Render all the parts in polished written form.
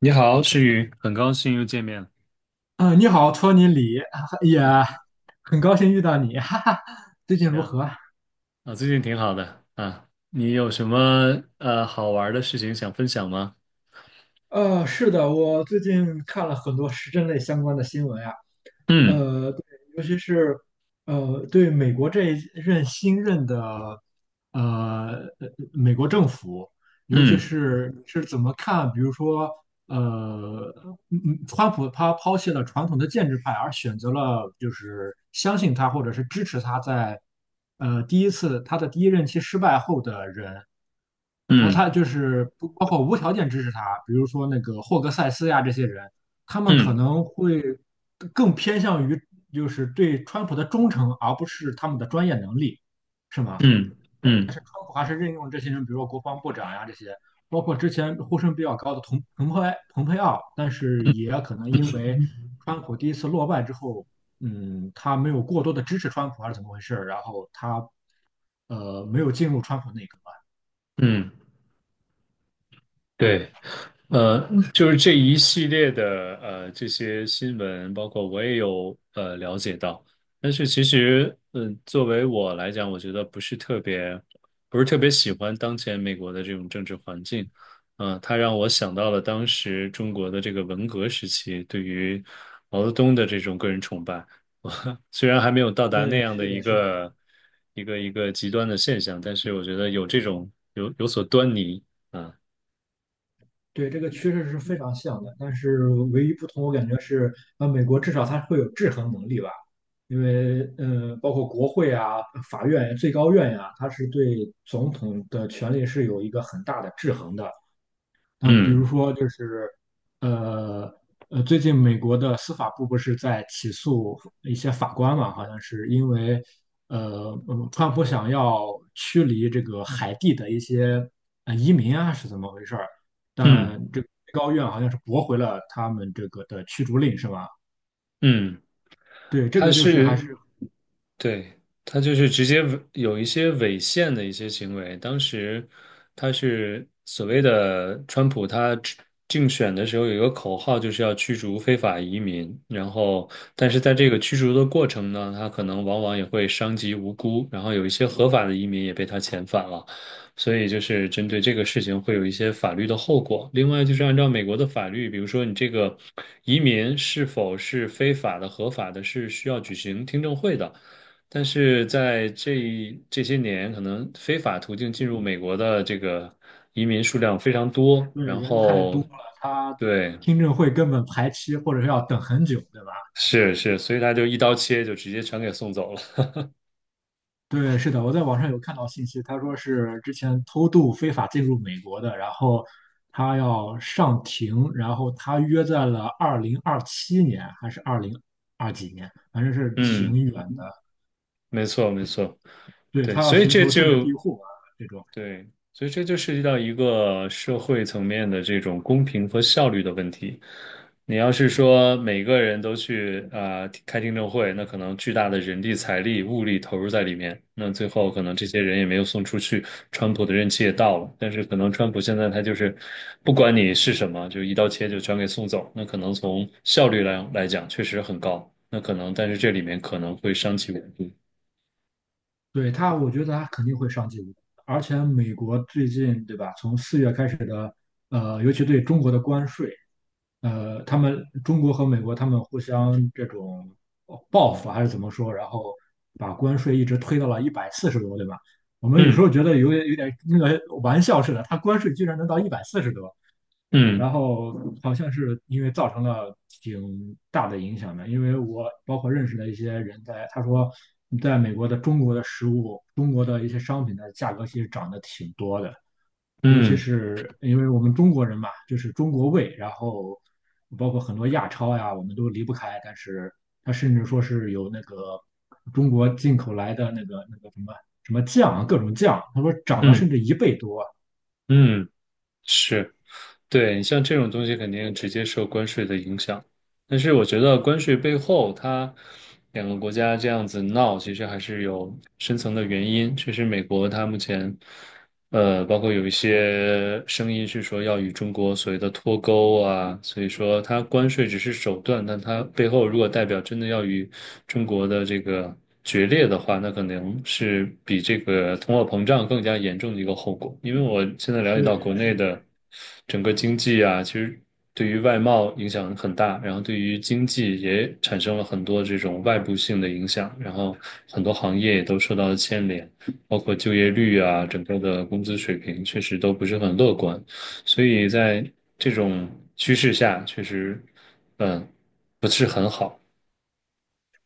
你好，诗雨，很高兴又见面了。嗯，你好，托尼李，也嗯哼，很高兴遇到你，哈哈。最近是如啊，何？啊，最近挺好的啊。你有什么好玩儿的事情想分享吗？是的，我最近看了很多时政类相关的新闻啊。嗯对，尤其是对美国这一任新任的美国政府，尤其嗯是你是怎么看？比如说，呃，川普他抛弃了传统的建制派，而选择了就是相信他或者是支持他在第一次他的第一任期失败后的人，然后嗯他就是不包括无条件支持他，比如说那个霍格塞斯呀这些人，他们可嗯能会更偏向于就是对川普的忠诚，而不是他们的专业能力，是吗？嗯嗯川普还是任用这些人，比如说国防部长呀这些，包括之前呼声比较高的彭佩奥，但是也可能因为川普第一次落败之后，嗯，他没有过多的支持川普还是怎么回事儿，然后他没有进入川普内阁啊。嗯，对。就是这一系列的这些新闻，包括我也有了解到，但是其实，嗯、作为我来讲，我觉得不是特别，不是特别喜欢当前美国的这种政治环境。嗯、它让我想到了当时中国的这个文革时期对于毛泽东的这种个人崇拜，我虽然还没有到达那对，样的是一的，是的，个一个极端的现象，但是我觉得有这种有所端倪啊，对，这个趋势是非常像的，但是唯一不同，我感觉是，美国至少它会有制衡能力吧，因为，包括国会啊、法院、最高院呀、它是对总统的权力是有一个很大的制衡的。那比如嗯说就是，呃最近美国的司法部不是在起诉一些法官嘛？好像是因为，川普想要驱离这个海地的一些移民啊，是怎么回事儿？但嗯。这个最高院好像是驳回了他们这个的驱逐令，是吧？嗯，对，这它个就是还是，是对，他就是直接违有一些违宪的一些行为。当时他是所谓的川普，他竞选的时候有一个口号，就是要驱逐非法移民。然后，但是在这个驱逐的过程呢，他可能往往也会伤及无辜，然后有一些合法的移民也被他遣返了。所以就是针对这个事情会有一些法律的后果。另外就是按照美国的法律，比如说你这个移民是否是非法的、合法的，是需要举行听证会的。但是在这些年，可能非法途径进入美国的这个移民数量非常多，对然人太多后了，他对，听证会根本排期或者是要等很久，对吧？是是，所以他就一刀切，就直接全给送走了。对，是的，我在网上有看到信息，他说是之前偷渡非法进入美国的，然后他要上庭，然后他约在了2027年还是二零二几年，反正是挺嗯，远的。没错没错，对，对，他要所以寻这求政治庇就护啊，这种。对，所以这就涉及到一个社会层面的这种公平和效率的问题。你要是说每个人都去啊、开听证会，那可能巨大的人力、财力、物力投入在里面，那最后可能这些人也没有送出去，川普的任期也到了，但是可能川普现在他就是不管你是什么，就一刀切就全给送走，那可能从效率来讲确实很高，那可能但是这里面可能会伤其稳定。对他，我觉得他肯定会上进无敌而且美国最近，对吧？从四月开始的，尤其对中国的关税，他们中国和美国他们互相这种报复还是怎么说？然后把关税一直推到了一百四十多，对吧？我们有时嗯候觉得有点那个玩笑似的，他关税居然能到一百四十多，嗯然后好像是因为造成了挺大的影响的，因为我包括认识的一些人在，他说，在美国的中国的食物，中国的一些商品的价格其实涨得挺多的，尤其嗯是因为我们中国人嘛，就是中国胃，然后包括很多亚超呀，我们都离不开，但是它甚至说是有那个中国进口来的那个什么酱啊，各种酱，他说涨了嗯甚至一倍多。嗯，是。对，你像这种东西肯定直接受关税的影响，但是我觉得关税背后，它两个国家这样子闹，其实还是有深层的原因。确实，美国它目前。呃，包括有一些声音是说要与中国所谓的脱钩啊，所以说它关税只是手段，但它背后如果代表真的要与中国的这个决裂的话，那可能是比这个通货膨胀更加严重的一个后果。因为我现在了解到国对，是内的。的整个经济啊，其实对于外贸影响很大，然后对于经济也产生了很多这种外部性的影响，然后很多行业也都受到了牵连。包括就业率啊，整个的工资水平确实都不是很乐观，所以在这种趋势下，确实，嗯，不是很好。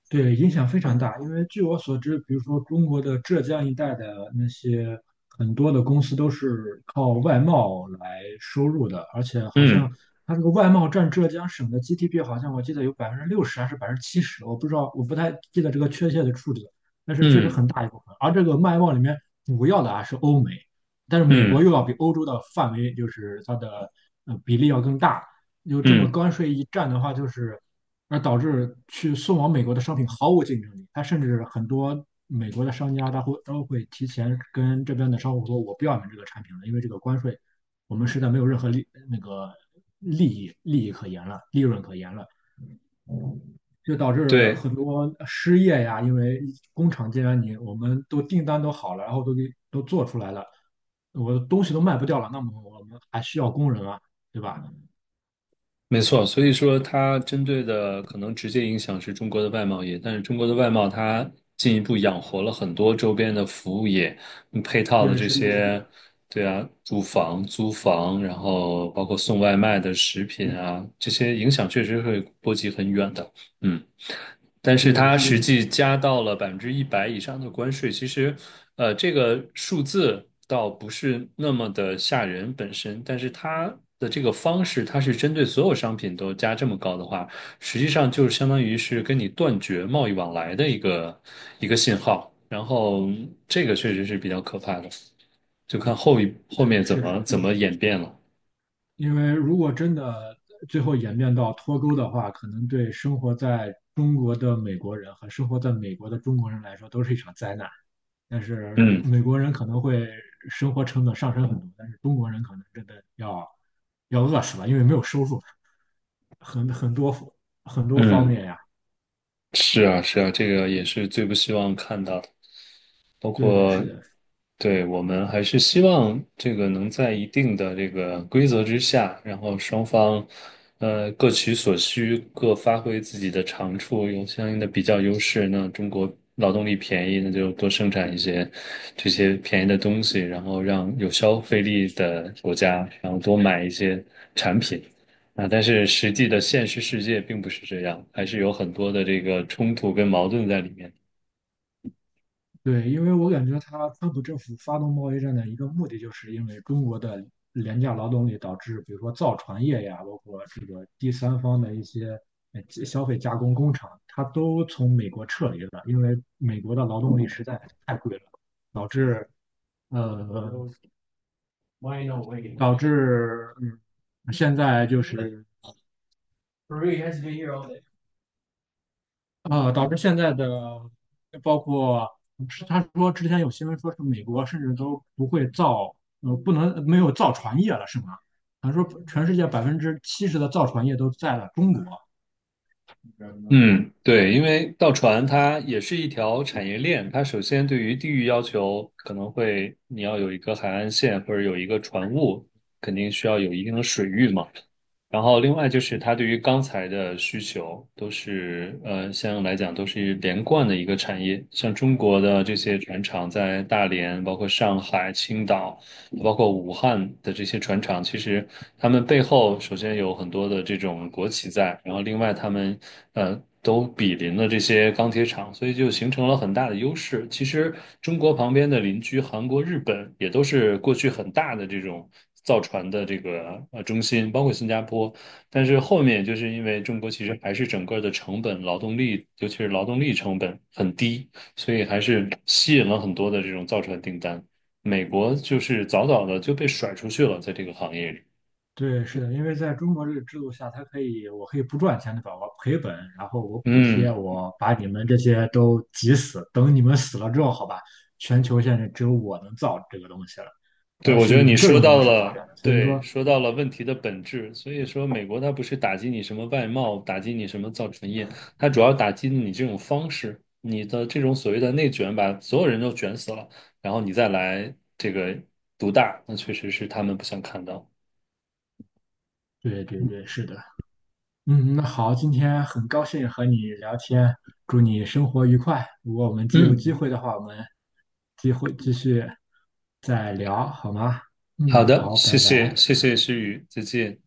对，影响非常大，因为据我所知，比如说中国的浙江一带的那些很多的公司都是靠外贸来收入的，而且好嗯像它这个外贸占浙江省的 GDP,好像我记得有60%还是百分之七十，我不知道，我不太记得这个确切的数字，但是确实嗯很大一部分。而这个外贸里面主要的啊是欧美，但是美国嗯又要比欧洲的范围就是它的比例要更大，有这么嗯，关税一战的话，就是而导致去送往美国的商品毫无竞争力。它甚至很多美国的商家，他会都会提前跟这边的商户说，我不要你们这个产品了，因为这个关税，我们实在没有任何利那个利益可言了，利润可言了。就导致对。很多失业呀，因为工厂既然我们都订单都好了，然后都给都做出来了，我的东西都卖不掉了，那么我们还需要工人啊，对吧？没错，所以说它针对的可能直接影响是中国的外贸业，但是中国的外贸它进一步养活了很多周边的服务业，嗯配套的对，这是的，是些，的，对啊，住房、租房，然后包括送外卖的食品啊，这些影响确实会波及很远的。嗯。但是对，它是实嗯的。际加到了100%以上的关税，其实，呃，这个数字倒不是那么的吓人本身，但是它的这个方式，它是针对所有商品都加这么高的话，实际上就是相当于是跟你断绝贸易往来的一个信号，然后这个确实是比较可怕的，就看后面对，怎是么的，怎么演变了。因为如果真的最后演变到脱钩的话，可能对生活在中国的美国人和生活在美国的中国人来说都是一场灾难。但是嗯美国人可能会生活成本上升很多，但是中国人可能真的要饿死了，因为没有收入，很多很多方嗯，面呀。是啊是啊，这个也是最不希望看到的。包对，括是的。对我们还是希望这个能在一定的这个规则之下，然后双方各取所需，各发挥自己的长处，有相应的比较优势。那中国劳动力便宜，那就多生产一些这些便宜的东西，然后让有消费力的国家，然后多买一些产品。啊，但是实际的现实世界并不是这样，还是有很多的这个冲突跟矛盾在里面。对，因为我感觉他川普政府发动贸易战的一个目的，就是因为中国的廉价劳动力导致，比如说造船业呀，包括这个第三方的一些消费加工工厂，它都从美国撤离了，因为美国的劳动力实在太贵了，导致呃导致现在就是导致现在的包括是他说之前有新闻说是美国甚至都不会造，不能没有造船业了，是吗？他说全世界百分之七十的造船业都在了中国。嗯，对，因为造船它也是一条产业链，它首先对于地域要求可能会，你要有一个海岸线或者有一个船坞，肯定需要有一定的水域嘛。然后另外就是它对于钢材的需求都是，呃，相应来讲都是连贯的一个产业。像中国的这些船厂在大连、包括上海、青岛。包括武汉的这些船厂，其实他们背后首先有很多的这种国企在，然后另外他们都比邻了这些钢铁厂，所以就形成了很大的优势。其实中国旁边的邻居韩国、日本也都是过去很大的这种造船的这个中心，包括新加坡。但是后面就是因为中国其实还是整个的成本、劳动力，尤其是劳动力成本很低，所以还是吸引了很多的这种造船订单。美国就是早早的就被甩出去了，在这个行业里。对，是的，因为在中国这个制度下，它可以，我可以不赚钱，的，吧？我赔本，然后我补贴，嗯，我把你们这些都挤死，等你们死了之后，好吧，全球现在只有我能造这个东西了，对，然后我觉是得你用这说种模到式发展了，的，所以对，说，说到了问题的本质。所以说，美国它不是打击你什么外贸，打击你什么造船业，它主要打击你这种方式，你的这种所谓的内卷，把所有人都卷死了，然后你再来这个独大，那确实是他们不想看到。对对对，是的。嗯，那好，今天很高兴和你聊天，祝你生活愉快。如果我们既有机嗯，会的话，我们机会继续再聊，好吗？好嗯，的，好，谢拜谢，拜。谢谢诗雨，再见。